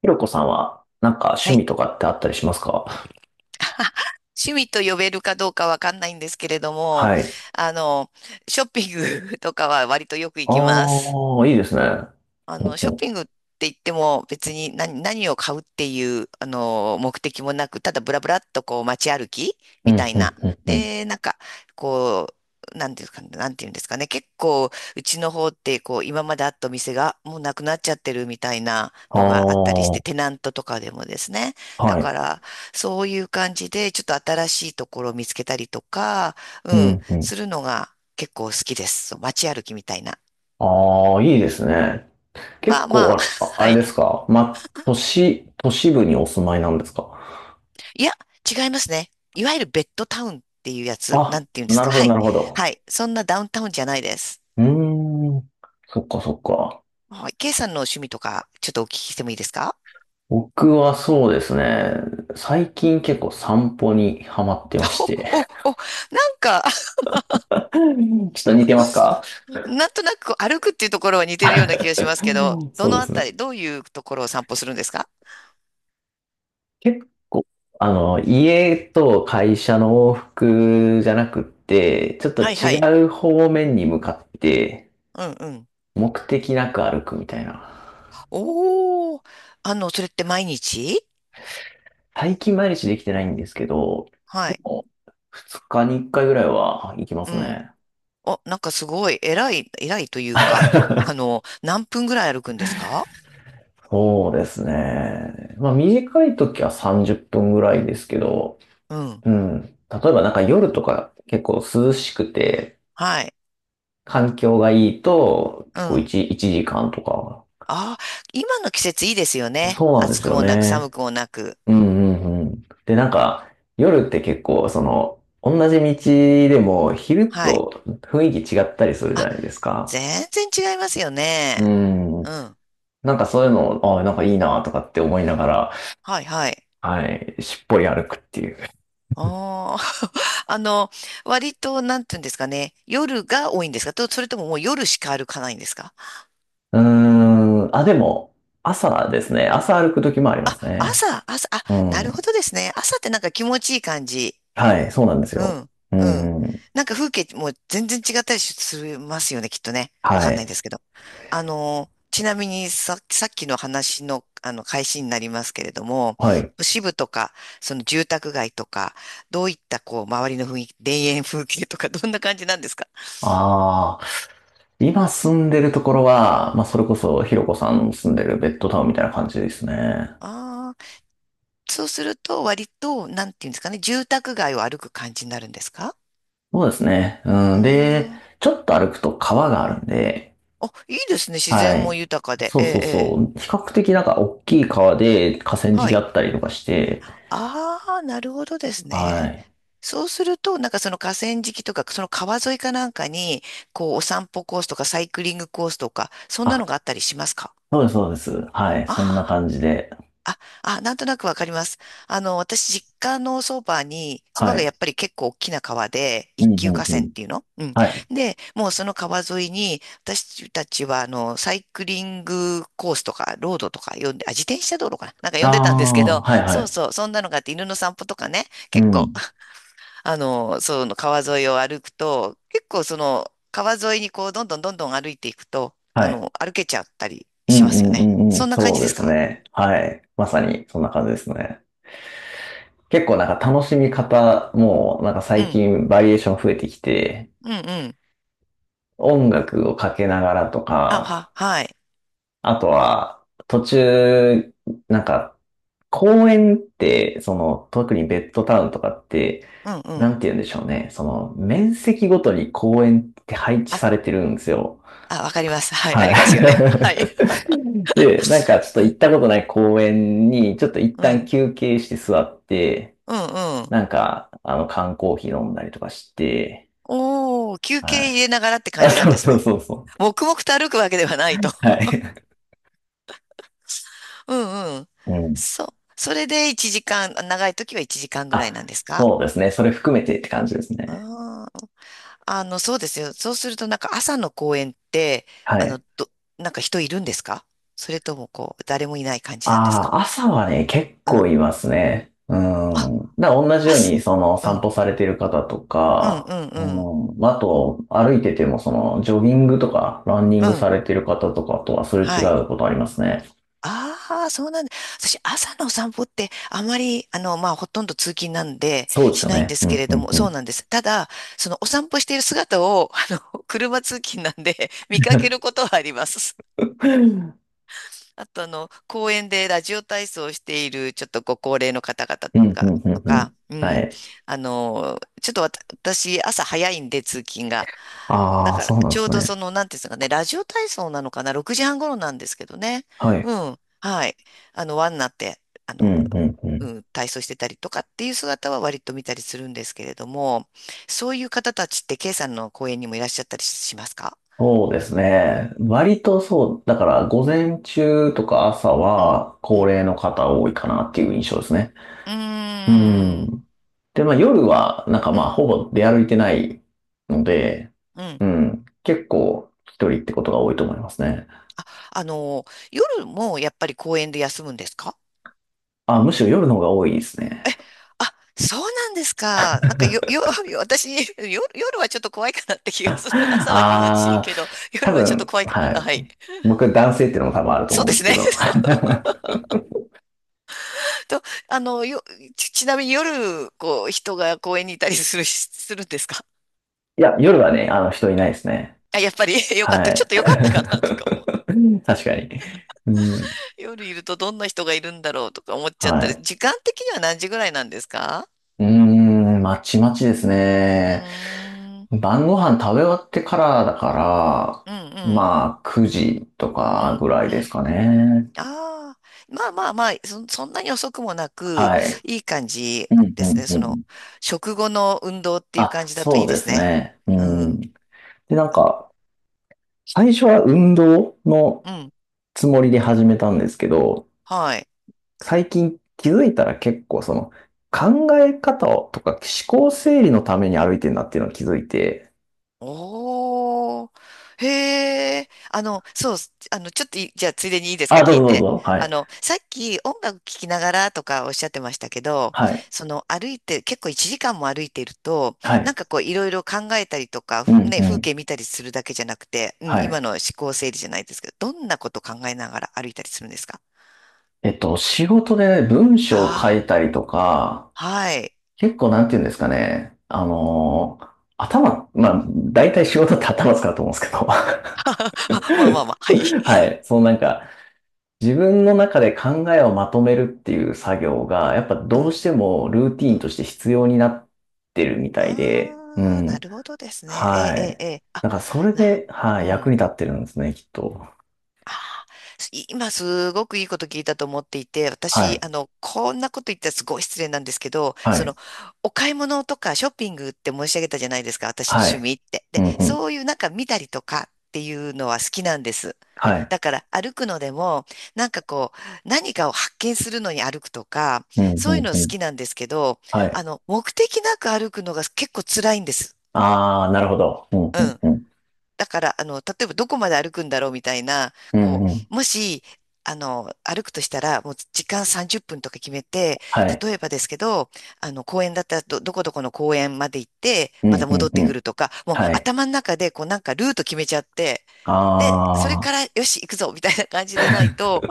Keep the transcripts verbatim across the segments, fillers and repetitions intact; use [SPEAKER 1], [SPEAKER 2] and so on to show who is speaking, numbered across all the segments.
[SPEAKER 1] ひろこさんは、なんか趣
[SPEAKER 2] はい。
[SPEAKER 1] 味とかってあったりしますか？
[SPEAKER 2] 趣味と呼べるかどうかわかんないんですけれども、
[SPEAKER 1] はい。
[SPEAKER 2] あの、ショッピング とかは割とよく行きます。
[SPEAKER 1] ああ、いいですね。
[SPEAKER 2] あ
[SPEAKER 1] うん
[SPEAKER 2] の、
[SPEAKER 1] う
[SPEAKER 2] ショッ
[SPEAKER 1] ん、
[SPEAKER 2] ピングって言っても別に何、何を買うっていう、あの、目的もなく、ただブラブラっとこう街歩き
[SPEAKER 1] う
[SPEAKER 2] みた
[SPEAKER 1] ん、
[SPEAKER 2] い
[SPEAKER 1] うん、
[SPEAKER 2] な。
[SPEAKER 1] うん。
[SPEAKER 2] で、なんか、こう、なんていうか、なんていうんですかね。結構、うちの方って、こう、今まであったお店がもうなくなっちゃってるみたいなのがあったり
[SPEAKER 1] あ
[SPEAKER 2] して、テナントとかでもですね。
[SPEAKER 1] あ、
[SPEAKER 2] だ
[SPEAKER 1] は
[SPEAKER 2] か
[SPEAKER 1] い。
[SPEAKER 2] ら、そういう感じで、ちょっと新しいところを見つけたりとか、う
[SPEAKER 1] う
[SPEAKER 2] ん、
[SPEAKER 1] ん、う
[SPEAKER 2] す
[SPEAKER 1] ん。
[SPEAKER 2] るのが結構好きです。そう街歩きみたいな。
[SPEAKER 1] ああ、いいですね。
[SPEAKER 2] ま
[SPEAKER 1] 結
[SPEAKER 2] あま
[SPEAKER 1] 構、
[SPEAKER 2] あ、
[SPEAKER 1] あ、あ
[SPEAKER 2] は
[SPEAKER 1] れ
[SPEAKER 2] い。
[SPEAKER 1] ですか、ま、都市、都市部にお住まいなんですか？
[SPEAKER 2] いや、違いますね。いわゆるベッドタウンっていうやつ、な
[SPEAKER 1] あ、
[SPEAKER 2] んていうんです
[SPEAKER 1] なる
[SPEAKER 2] か。
[SPEAKER 1] ほど、
[SPEAKER 2] は
[SPEAKER 1] な
[SPEAKER 2] い。
[SPEAKER 1] るほど。
[SPEAKER 2] はい。そんなダウンタウンじゃないです。
[SPEAKER 1] うーん。そっか、そっか。
[SPEAKER 2] はい。ケイさんの趣味とか、ちょっとお聞きしてもいいですか？
[SPEAKER 1] 僕はそうですね。最近結構散歩にハマってまして。
[SPEAKER 2] お、お、お、なんか、
[SPEAKER 1] ちょっと似てますか？
[SPEAKER 2] なんとなくこう歩くっていうところは似てるような気がしますけど、ど
[SPEAKER 1] そう
[SPEAKER 2] の
[SPEAKER 1] で
[SPEAKER 2] あ
[SPEAKER 1] す
[SPEAKER 2] たり、
[SPEAKER 1] ね。
[SPEAKER 2] どういうところを散歩するんですか？
[SPEAKER 1] 結構、あの、家と会社の往復じゃなくって、ちょっと
[SPEAKER 2] はいはい。
[SPEAKER 1] 違う方面に向かって、
[SPEAKER 2] うんうん。
[SPEAKER 1] 目的なく歩くみたいな。
[SPEAKER 2] おー。あの、それって毎日？
[SPEAKER 1] 最近毎日できてないんですけど、
[SPEAKER 2] は
[SPEAKER 1] で
[SPEAKER 2] い。
[SPEAKER 1] も、ふつかにいっかいぐらいは行きま
[SPEAKER 2] う
[SPEAKER 1] す
[SPEAKER 2] ん。
[SPEAKER 1] ね。
[SPEAKER 2] お、なんかすごい、偉い、偉いというか、あの、何分ぐらい歩くんですか？
[SPEAKER 1] そうですね。まあ短い時はさんじゅっぷんぐらいですけど、
[SPEAKER 2] うん。
[SPEAKER 1] うん。例えばなんか夜とか結構涼しくて、
[SPEAKER 2] はい。
[SPEAKER 1] 環境がいいと、
[SPEAKER 2] う
[SPEAKER 1] 結構
[SPEAKER 2] ん。
[SPEAKER 1] いち、いちじかんとか。
[SPEAKER 2] ああ、今の季節いいですよね。
[SPEAKER 1] そうなんで
[SPEAKER 2] 暑
[SPEAKER 1] す
[SPEAKER 2] く
[SPEAKER 1] よ
[SPEAKER 2] もなく
[SPEAKER 1] ね。
[SPEAKER 2] 寒くもなく。
[SPEAKER 1] うんうんうん。で、なんか、夜って結構、その、同じ道でも、昼
[SPEAKER 2] はい。
[SPEAKER 1] と雰囲気違ったりするじ
[SPEAKER 2] あ、
[SPEAKER 1] ゃないですか。
[SPEAKER 2] 全然違いますよね。
[SPEAKER 1] う
[SPEAKER 2] う
[SPEAKER 1] ん。
[SPEAKER 2] ん。
[SPEAKER 1] なんかそういうの、あなんかいいなとかって思いながら、
[SPEAKER 2] はいはい。
[SPEAKER 1] はい、しっぽり歩くっていう。
[SPEAKER 2] ああ、あの、割と、なんていうんですかね。夜が多いんですかと、それとももう夜しか歩かないんですか？
[SPEAKER 1] うーん。あ、でも、朝ですね。朝歩く時もありま
[SPEAKER 2] あ、
[SPEAKER 1] すね。
[SPEAKER 2] 朝、朝、あ、
[SPEAKER 1] う
[SPEAKER 2] なるほ
[SPEAKER 1] ん。
[SPEAKER 2] どですね。朝ってなんか気持ちいい感じ。
[SPEAKER 1] はい、そうなんです
[SPEAKER 2] う
[SPEAKER 1] よ。
[SPEAKER 2] ん、
[SPEAKER 1] う
[SPEAKER 2] うん。
[SPEAKER 1] ん。
[SPEAKER 2] なんか風景も全然違ったりしますよね、きっとね。わ
[SPEAKER 1] は
[SPEAKER 2] かんないん
[SPEAKER 1] い。
[SPEAKER 2] ですけど。あの、ちなみにさ、さっきの話の、あの、開始になりますけれども、
[SPEAKER 1] はい。
[SPEAKER 2] 都市部とか、その住宅街とか、どういった、こう、周りの雰囲気、田園風景とか、どんな感じなんですか？
[SPEAKER 1] ああ、今住んでるところは、まあ、それこそ、ひろこさんの住んでるベッドタウンみたいな感じですね。
[SPEAKER 2] ああー、そうすると、割と、なんていうんですかね、住宅街を歩く感じになるんですか？
[SPEAKER 1] そうですね。う
[SPEAKER 2] うー
[SPEAKER 1] ん。で、
[SPEAKER 2] ん、
[SPEAKER 1] ちょっと歩くと川があ
[SPEAKER 2] う
[SPEAKER 1] るん
[SPEAKER 2] ん。
[SPEAKER 1] で、
[SPEAKER 2] あいいですね、自
[SPEAKER 1] は
[SPEAKER 2] 然も
[SPEAKER 1] い。
[SPEAKER 2] 豊かで。
[SPEAKER 1] そ
[SPEAKER 2] え
[SPEAKER 1] う
[SPEAKER 2] え、
[SPEAKER 1] そう
[SPEAKER 2] え
[SPEAKER 1] そ
[SPEAKER 2] え。
[SPEAKER 1] う。比較的なんか大きい川で河川
[SPEAKER 2] は
[SPEAKER 1] 敷あ
[SPEAKER 2] い。
[SPEAKER 1] ったりとかして、
[SPEAKER 2] ああ、なるほどです
[SPEAKER 1] は
[SPEAKER 2] ね。
[SPEAKER 1] い。
[SPEAKER 2] そうすると、なんかその河川敷とか、その川沿いかなんかに、こう、お散歩コースとか、サイクリングコースとか、そんな
[SPEAKER 1] あ、
[SPEAKER 2] のがあったりしますか？
[SPEAKER 1] そうです、そうです。はい。
[SPEAKER 2] あ
[SPEAKER 1] そんな
[SPEAKER 2] あー、
[SPEAKER 1] 感じで。
[SPEAKER 2] あ、あ、なんとなくわかります。あの、私、実家のそばに、そば
[SPEAKER 1] は
[SPEAKER 2] がや
[SPEAKER 1] い。
[SPEAKER 2] っぱり結構大きな川で、
[SPEAKER 1] う
[SPEAKER 2] 一
[SPEAKER 1] ん、う
[SPEAKER 2] 級
[SPEAKER 1] ん、
[SPEAKER 2] 河
[SPEAKER 1] う
[SPEAKER 2] 川っ
[SPEAKER 1] ん。
[SPEAKER 2] ていうのうん。
[SPEAKER 1] はい。
[SPEAKER 2] で、もうその川沿いに、私たちは、あの、サイクリングコースとか、ロードとか呼んで、あ、自転車道路かななんか呼
[SPEAKER 1] あ
[SPEAKER 2] んでたんですけ
[SPEAKER 1] あ、
[SPEAKER 2] ど、
[SPEAKER 1] はい、は
[SPEAKER 2] そう
[SPEAKER 1] い。
[SPEAKER 2] そう、そんなのがあって、犬の散歩とかね、
[SPEAKER 1] う
[SPEAKER 2] 結構、
[SPEAKER 1] ん。
[SPEAKER 2] あの、その川沿いを歩くと、結構その、川沿いにこう、どんどんどんどん歩いていくと、あ
[SPEAKER 1] はい。
[SPEAKER 2] の、歩けちゃったり
[SPEAKER 1] う
[SPEAKER 2] し
[SPEAKER 1] ん、う
[SPEAKER 2] ますよ
[SPEAKER 1] ん、う
[SPEAKER 2] ね。
[SPEAKER 1] ん、う
[SPEAKER 2] そ
[SPEAKER 1] ん。
[SPEAKER 2] んな感
[SPEAKER 1] そ
[SPEAKER 2] じ
[SPEAKER 1] う
[SPEAKER 2] で
[SPEAKER 1] で
[SPEAKER 2] す
[SPEAKER 1] す
[SPEAKER 2] か？
[SPEAKER 1] ね。はい。まさに、そんな感じですね。結構なんか楽しみ方もなんか
[SPEAKER 2] う
[SPEAKER 1] 最
[SPEAKER 2] ん。
[SPEAKER 1] 近バリエーション増えてきて、
[SPEAKER 2] うんうん。
[SPEAKER 1] 音楽をかけながらと
[SPEAKER 2] あ、は、
[SPEAKER 1] か、
[SPEAKER 2] はい。
[SPEAKER 1] あとは途中、なんか公園って、その特にベッドタウンとかって、
[SPEAKER 2] うんう
[SPEAKER 1] なん
[SPEAKER 2] ん。
[SPEAKER 1] て言うんでしょうね。その面積ごとに公園って配置
[SPEAKER 2] あ、
[SPEAKER 1] されてるんですよ。
[SPEAKER 2] あ、わかります。はい。あ
[SPEAKER 1] は
[SPEAKER 2] りますよね。はい。
[SPEAKER 1] い。で、なんかちょっと行ったことない公園に、ちょっと一
[SPEAKER 2] う
[SPEAKER 1] 旦
[SPEAKER 2] ん。
[SPEAKER 1] 休憩して座って、
[SPEAKER 2] うんうん。
[SPEAKER 1] なんか、あの、缶コーヒー飲んだりとかして、
[SPEAKER 2] おー、休
[SPEAKER 1] は
[SPEAKER 2] 憩
[SPEAKER 1] い。
[SPEAKER 2] 入れながらって感
[SPEAKER 1] あ、
[SPEAKER 2] じなん
[SPEAKER 1] そ
[SPEAKER 2] で
[SPEAKER 1] う
[SPEAKER 2] す
[SPEAKER 1] そ
[SPEAKER 2] ね。
[SPEAKER 1] うそうそう。
[SPEAKER 2] 黙々と歩くわけではないと。
[SPEAKER 1] はい。
[SPEAKER 2] うんうん。
[SPEAKER 1] うん。
[SPEAKER 2] そう。それでいちじかん、長い時はいちじかんぐら
[SPEAKER 1] あ、
[SPEAKER 2] いなんですか？
[SPEAKER 1] そうですね。それ含めてって感じですね。
[SPEAKER 2] あー、あの、そうですよ。そうすると、なんか朝の公園って、
[SPEAKER 1] は
[SPEAKER 2] あの、
[SPEAKER 1] い。
[SPEAKER 2] ど、なんか人いるんですか？それとも、こう、誰もいない感じなんです
[SPEAKER 1] あ
[SPEAKER 2] か？
[SPEAKER 1] あ、朝はね、結
[SPEAKER 2] う
[SPEAKER 1] 構
[SPEAKER 2] ん。
[SPEAKER 1] いますね。う
[SPEAKER 2] あ、
[SPEAKER 1] ん。だから同じよう
[SPEAKER 2] 朝。
[SPEAKER 1] に、その
[SPEAKER 2] う
[SPEAKER 1] 散
[SPEAKER 2] ん。
[SPEAKER 1] 歩されてる方と
[SPEAKER 2] うん、
[SPEAKER 1] か、
[SPEAKER 2] うん、
[SPEAKER 1] う
[SPEAKER 2] うん。
[SPEAKER 1] ん。まあと、歩いてても、その、ジョギングとか、ランニン
[SPEAKER 2] う
[SPEAKER 1] グさ
[SPEAKER 2] ん。
[SPEAKER 1] れてる方とかとはすれ違
[SPEAKER 2] はい。
[SPEAKER 1] うことありますね。
[SPEAKER 2] ああ、そうなんだ。私、朝のお散歩って、あまり、あの、まあ、ほとんど通勤なんで、
[SPEAKER 1] そうです
[SPEAKER 2] し
[SPEAKER 1] よ
[SPEAKER 2] ないん
[SPEAKER 1] ね。
[SPEAKER 2] で
[SPEAKER 1] う
[SPEAKER 2] すけ
[SPEAKER 1] ん、
[SPEAKER 2] れ
[SPEAKER 1] う
[SPEAKER 2] ど
[SPEAKER 1] ん、
[SPEAKER 2] も、
[SPEAKER 1] うん。
[SPEAKER 2] そうなんです。ただ、その、お散歩している姿を、あの、車通勤なんで、見かけるこ とはあります。あと、あの、公園でラジオ体操をしている、ちょっとご高齢の方々
[SPEAKER 1] うん、う
[SPEAKER 2] が、
[SPEAKER 1] ん、う
[SPEAKER 2] と
[SPEAKER 1] ん、うん。
[SPEAKER 2] か、う
[SPEAKER 1] は
[SPEAKER 2] ん。
[SPEAKER 1] い。
[SPEAKER 2] あの、ちょっとわた私、朝早いんで、通勤が。だ
[SPEAKER 1] ああ、
[SPEAKER 2] か
[SPEAKER 1] そ
[SPEAKER 2] ら、
[SPEAKER 1] うなん
[SPEAKER 2] ち
[SPEAKER 1] で
[SPEAKER 2] ょ
[SPEAKER 1] す
[SPEAKER 2] うど
[SPEAKER 1] ね。
[SPEAKER 2] その、なんていうんですかね、ラジオ体操なのかな、ろくじはん頃なんですけどね。
[SPEAKER 1] はい。
[SPEAKER 2] うん。はい。あの、輪になって、あ
[SPEAKER 1] うん、
[SPEAKER 2] の、
[SPEAKER 1] うん、う
[SPEAKER 2] う
[SPEAKER 1] ん。
[SPEAKER 2] ん、体操してたりとかっていう姿は割と見たりするんですけれども、そういう方たちって、K さんの公演にもいらっしゃったりしますか？
[SPEAKER 1] そうですね。割とそう、だから午前中とか朝
[SPEAKER 2] うん。
[SPEAKER 1] は
[SPEAKER 2] う
[SPEAKER 1] 高
[SPEAKER 2] ん。
[SPEAKER 1] 齢の方多いかなっていう印象ですね。
[SPEAKER 2] う
[SPEAKER 1] う
[SPEAKER 2] ーん。
[SPEAKER 1] ん。で、まあ夜はなんか
[SPEAKER 2] う
[SPEAKER 1] まあ
[SPEAKER 2] ん。
[SPEAKER 1] ほぼ出歩いてないので、
[SPEAKER 2] うん。
[SPEAKER 1] うん。結構一人ってことが多いと思いますね。
[SPEAKER 2] あの、夜もやっぱり公園で休むんですか？
[SPEAKER 1] あ、むしろ夜の方が多いですね。
[SPEAKER 2] え、あ、そうなんですか。なんかよ、よ、よ 私、夜、夜はちょっと怖いかなって 気がする。朝は気持ちいい
[SPEAKER 1] ああ、
[SPEAKER 2] けど、
[SPEAKER 1] 多
[SPEAKER 2] 夜はちょっと
[SPEAKER 1] 分、
[SPEAKER 2] 怖いか。
[SPEAKER 1] は
[SPEAKER 2] あ
[SPEAKER 1] い。
[SPEAKER 2] はい。
[SPEAKER 1] 僕男性っていうのも多分あると
[SPEAKER 2] そう
[SPEAKER 1] 思う
[SPEAKER 2] で
[SPEAKER 1] んで
[SPEAKER 2] す
[SPEAKER 1] すけ
[SPEAKER 2] ね。
[SPEAKER 1] ど。
[SPEAKER 2] そう と、あの、よ、ち、ちなみに夜、こう、人が公園にいたりする、するんですか？
[SPEAKER 1] いや、夜はね、あの人いないですね。
[SPEAKER 2] あ、やっぱり よかっ
[SPEAKER 1] は
[SPEAKER 2] た。ちょっ
[SPEAKER 1] い。
[SPEAKER 2] とよかったかなとか思う。
[SPEAKER 1] 確かに。うん。
[SPEAKER 2] 夜いるとどんな人がいるんだろうとか思っちゃっ
[SPEAKER 1] は
[SPEAKER 2] たり、
[SPEAKER 1] い。
[SPEAKER 2] 時間的には何時ぐらいなんですか？
[SPEAKER 1] うーん、まちまちです
[SPEAKER 2] う
[SPEAKER 1] ね。
[SPEAKER 2] ーん、
[SPEAKER 1] 晩ご飯食べ終わってからだか
[SPEAKER 2] うん、う
[SPEAKER 1] ら、
[SPEAKER 2] ん、
[SPEAKER 1] まあ、くじと
[SPEAKER 2] う
[SPEAKER 1] か
[SPEAKER 2] ん、
[SPEAKER 1] ぐらい
[SPEAKER 2] う
[SPEAKER 1] です
[SPEAKER 2] ん。
[SPEAKER 1] かね。
[SPEAKER 2] ああ、まあまあまあ、そ、そんなに遅くもなく、
[SPEAKER 1] はい。
[SPEAKER 2] いい感じ
[SPEAKER 1] うん、
[SPEAKER 2] で
[SPEAKER 1] う
[SPEAKER 2] す
[SPEAKER 1] ん、
[SPEAKER 2] ね。そ
[SPEAKER 1] う
[SPEAKER 2] の、
[SPEAKER 1] ん。
[SPEAKER 2] 食後の運動っていう感
[SPEAKER 1] あ、
[SPEAKER 2] じだと
[SPEAKER 1] そ
[SPEAKER 2] いい
[SPEAKER 1] う
[SPEAKER 2] で
[SPEAKER 1] で
[SPEAKER 2] す
[SPEAKER 1] す
[SPEAKER 2] ね。
[SPEAKER 1] ね。う
[SPEAKER 2] う
[SPEAKER 1] ん。
[SPEAKER 2] ん。
[SPEAKER 1] で、なんか、最初は運動の
[SPEAKER 2] うん。
[SPEAKER 1] つもりで始めたんですけど、
[SPEAKER 2] はい。
[SPEAKER 1] 最近気づいたら結構その考え方をとか思考整理のために歩いてるなっていうのを気づいて、
[SPEAKER 2] おー。へえ。あの、そう、あの、ちょっとい、じゃあ、ついでにいいですか、
[SPEAKER 1] あ、ど
[SPEAKER 2] 聞
[SPEAKER 1] う
[SPEAKER 2] い
[SPEAKER 1] ぞどう
[SPEAKER 2] て。
[SPEAKER 1] ぞ。はい。
[SPEAKER 2] あの、さっき音楽聴きながらとかおっしゃってましたけど、
[SPEAKER 1] はい。
[SPEAKER 2] その、歩いて、結構いちじかんも歩いていると、
[SPEAKER 1] は
[SPEAKER 2] なん
[SPEAKER 1] い。
[SPEAKER 2] かこう、いろいろ考えたりとか、
[SPEAKER 1] うん、
[SPEAKER 2] ね、
[SPEAKER 1] う
[SPEAKER 2] 風
[SPEAKER 1] ん。
[SPEAKER 2] 景見たりするだけじゃなくて、うん、
[SPEAKER 1] は
[SPEAKER 2] 今
[SPEAKER 1] い。
[SPEAKER 2] の思考整理じゃないですけど、どんなこと考えながら歩いたりするんですか？
[SPEAKER 1] えっと、仕事で文章を書
[SPEAKER 2] あ
[SPEAKER 1] いたりとか、
[SPEAKER 2] あー、はい。
[SPEAKER 1] 結構なんて言うんですかね。あのー頭、まあ、大体仕事って頭使うと思うんですけど。
[SPEAKER 2] まあまあまあ、はい。
[SPEAKER 1] はい。そのなんか、自分の中で考えをまとめるっていう作業が、やっぱ
[SPEAKER 2] う
[SPEAKER 1] どう
[SPEAKER 2] ん、
[SPEAKER 1] してもルーティ
[SPEAKER 2] う
[SPEAKER 1] ーンと
[SPEAKER 2] ん。
[SPEAKER 1] して必要になってるみたいで、う
[SPEAKER 2] ああ、な
[SPEAKER 1] ん。
[SPEAKER 2] るほどですね。ええ、
[SPEAKER 1] は
[SPEAKER 2] ええ、
[SPEAKER 1] い。
[SPEAKER 2] ええあ、
[SPEAKER 1] なんかそれ
[SPEAKER 2] な、
[SPEAKER 1] で、は
[SPEAKER 2] う
[SPEAKER 1] い、役
[SPEAKER 2] ん。
[SPEAKER 1] に立ってるんですね、きっと。
[SPEAKER 2] ああ、す今、すごくいいこと聞いたと思っていて、
[SPEAKER 1] は
[SPEAKER 2] 私、
[SPEAKER 1] い。
[SPEAKER 2] あの、こんなこと言ったらすごい失礼なんですけど、
[SPEAKER 1] は
[SPEAKER 2] そ
[SPEAKER 1] い。
[SPEAKER 2] の、お買い物とかショッピングって申し上げたじゃないですか、私の
[SPEAKER 1] は
[SPEAKER 2] 趣
[SPEAKER 1] い。
[SPEAKER 2] 味って。
[SPEAKER 1] う
[SPEAKER 2] で、
[SPEAKER 1] ん、うん。
[SPEAKER 2] そういうなんか見たりとかっていうのは好きなんです。
[SPEAKER 1] はい。
[SPEAKER 2] だから、歩くのでも、なんかこう、何かを発見するのに歩くとか、
[SPEAKER 1] うん、う
[SPEAKER 2] そういう
[SPEAKER 1] ん、
[SPEAKER 2] の
[SPEAKER 1] う
[SPEAKER 2] 好
[SPEAKER 1] ん。
[SPEAKER 2] きなんですけど、
[SPEAKER 1] は
[SPEAKER 2] あ
[SPEAKER 1] い。
[SPEAKER 2] の、目的なく歩くのが結構辛いんです。
[SPEAKER 1] ああ、なるほど。うん、うん、うん。
[SPEAKER 2] だから、あの、例えばどこまで歩くんだろうみたいな、
[SPEAKER 1] う
[SPEAKER 2] こ
[SPEAKER 1] ん、うん。
[SPEAKER 2] う、もし、あの、歩くとしたら、もう時間さんじゅっぷんとか決めて、
[SPEAKER 1] はい。
[SPEAKER 2] 例えばですけど、あの、公園だったらど、どこどこの公園まで行って、
[SPEAKER 1] う
[SPEAKER 2] ま
[SPEAKER 1] ん、
[SPEAKER 2] た
[SPEAKER 1] う
[SPEAKER 2] 戻
[SPEAKER 1] ん、
[SPEAKER 2] って
[SPEAKER 1] う
[SPEAKER 2] く
[SPEAKER 1] ん。
[SPEAKER 2] るとか、もう
[SPEAKER 1] はい。
[SPEAKER 2] 頭の中で、こう、なんかルート決めちゃって、で、それ
[SPEAKER 1] あ
[SPEAKER 2] か
[SPEAKER 1] あ、
[SPEAKER 2] ら、よし、行くぞみたいな感じでないと、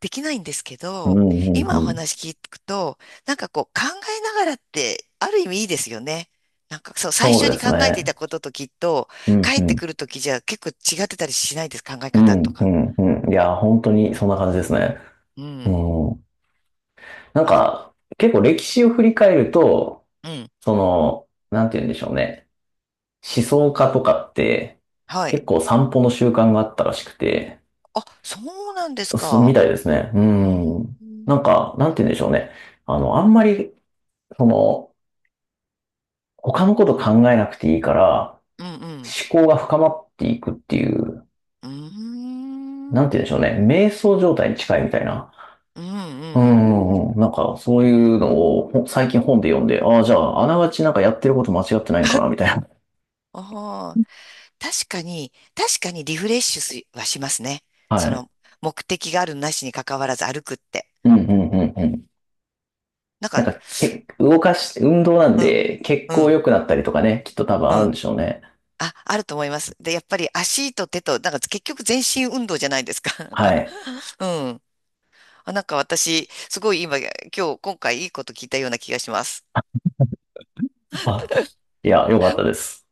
[SPEAKER 2] できないんですけ
[SPEAKER 1] うん、
[SPEAKER 2] ど、
[SPEAKER 1] うん、
[SPEAKER 2] 今お
[SPEAKER 1] うん。
[SPEAKER 2] 話聞くと、なんかこう考えながらってある意味いいですよね。なんかそう、最
[SPEAKER 1] そう
[SPEAKER 2] 初
[SPEAKER 1] で
[SPEAKER 2] に
[SPEAKER 1] す
[SPEAKER 2] 考えてい
[SPEAKER 1] ね。
[SPEAKER 2] たことときっと、
[SPEAKER 1] うん、
[SPEAKER 2] 帰
[SPEAKER 1] う
[SPEAKER 2] って
[SPEAKER 1] ん。
[SPEAKER 2] くるときじゃ結構違ってたりしないです、考え
[SPEAKER 1] う
[SPEAKER 2] 方と
[SPEAKER 1] ん、う
[SPEAKER 2] か。
[SPEAKER 1] ん、うん。いや、本当にそんな感じですね。
[SPEAKER 2] う
[SPEAKER 1] う
[SPEAKER 2] ん。
[SPEAKER 1] ん。なん
[SPEAKER 2] あ、
[SPEAKER 1] か、結構歴史を振り返ると、
[SPEAKER 2] うん。
[SPEAKER 1] その、なんて言うんでしょうね。思想家とかって、
[SPEAKER 2] は
[SPEAKER 1] 結
[SPEAKER 2] い。
[SPEAKER 1] 構散歩の習慣があったらしくて、
[SPEAKER 2] あ、そうなんです
[SPEAKER 1] そうみ
[SPEAKER 2] か。
[SPEAKER 1] たいですね。う
[SPEAKER 2] うん。
[SPEAKER 1] ん。
[SPEAKER 2] うん、
[SPEAKER 1] なんか、なんて言うんでしょうね。あの、あんまり、その、他のこと考えなくていいから、
[SPEAKER 2] うん。
[SPEAKER 1] 思考が深まっていくっていう、
[SPEAKER 2] うー
[SPEAKER 1] なん
[SPEAKER 2] ん。う
[SPEAKER 1] て
[SPEAKER 2] ん、
[SPEAKER 1] 言うんでしょうね。瞑想状態に近いみたいな。
[SPEAKER 2] う
[SPEAKER 1] うん
[SPEAKER 2] ん。
[SPEAKER 1] うんうん。なんか、そういうのをほ最近本で読んで、ああ、じゃあ、あながちなんかやってること間違ってないんかな、みたい。
[SPEAKER 2] ああ、確かに、確かにリフレッシュすはしますね。
[SPEAKER 1] は
[SPEAKER 2] そ
[SPEAKER 1] い。
[SPEAKER 2] の、目的があるなしに関わらず歩くって。
[SPEAKER 1] うんうんうんうん。
[SPEAKER 2] なん
[SPEAKER 1] なん
[SPEAKER 2] か、
[SPEAKER 1] か、け、動かし、運動なん
[SPEAKER 2] うん、
[SPEAKER 1] で、血
[SPEAKER 2] う
[SPEAKER 1] 行
[SPEAKER 2] ん、
[SPEAKER 1] 良くなったりとかね、きっと多分
[SPEAKER 2] う
[SPEAKER 1] あるん
[SPEAKER 2] ん。
[SPEAKER 1] でしょうね。
[SPEAKER 2] あ、あると思います。で、やっぱり足と手と、なんか結局全身運動じゃないですか。なんか、
[SPEAKER 1] はい。
[SPEAKER 2] うん。あ、なんか私、すごい今、今日、今回いいこと聞いたような気がします。
[SPEAKER 1] あ、いや、良かったです。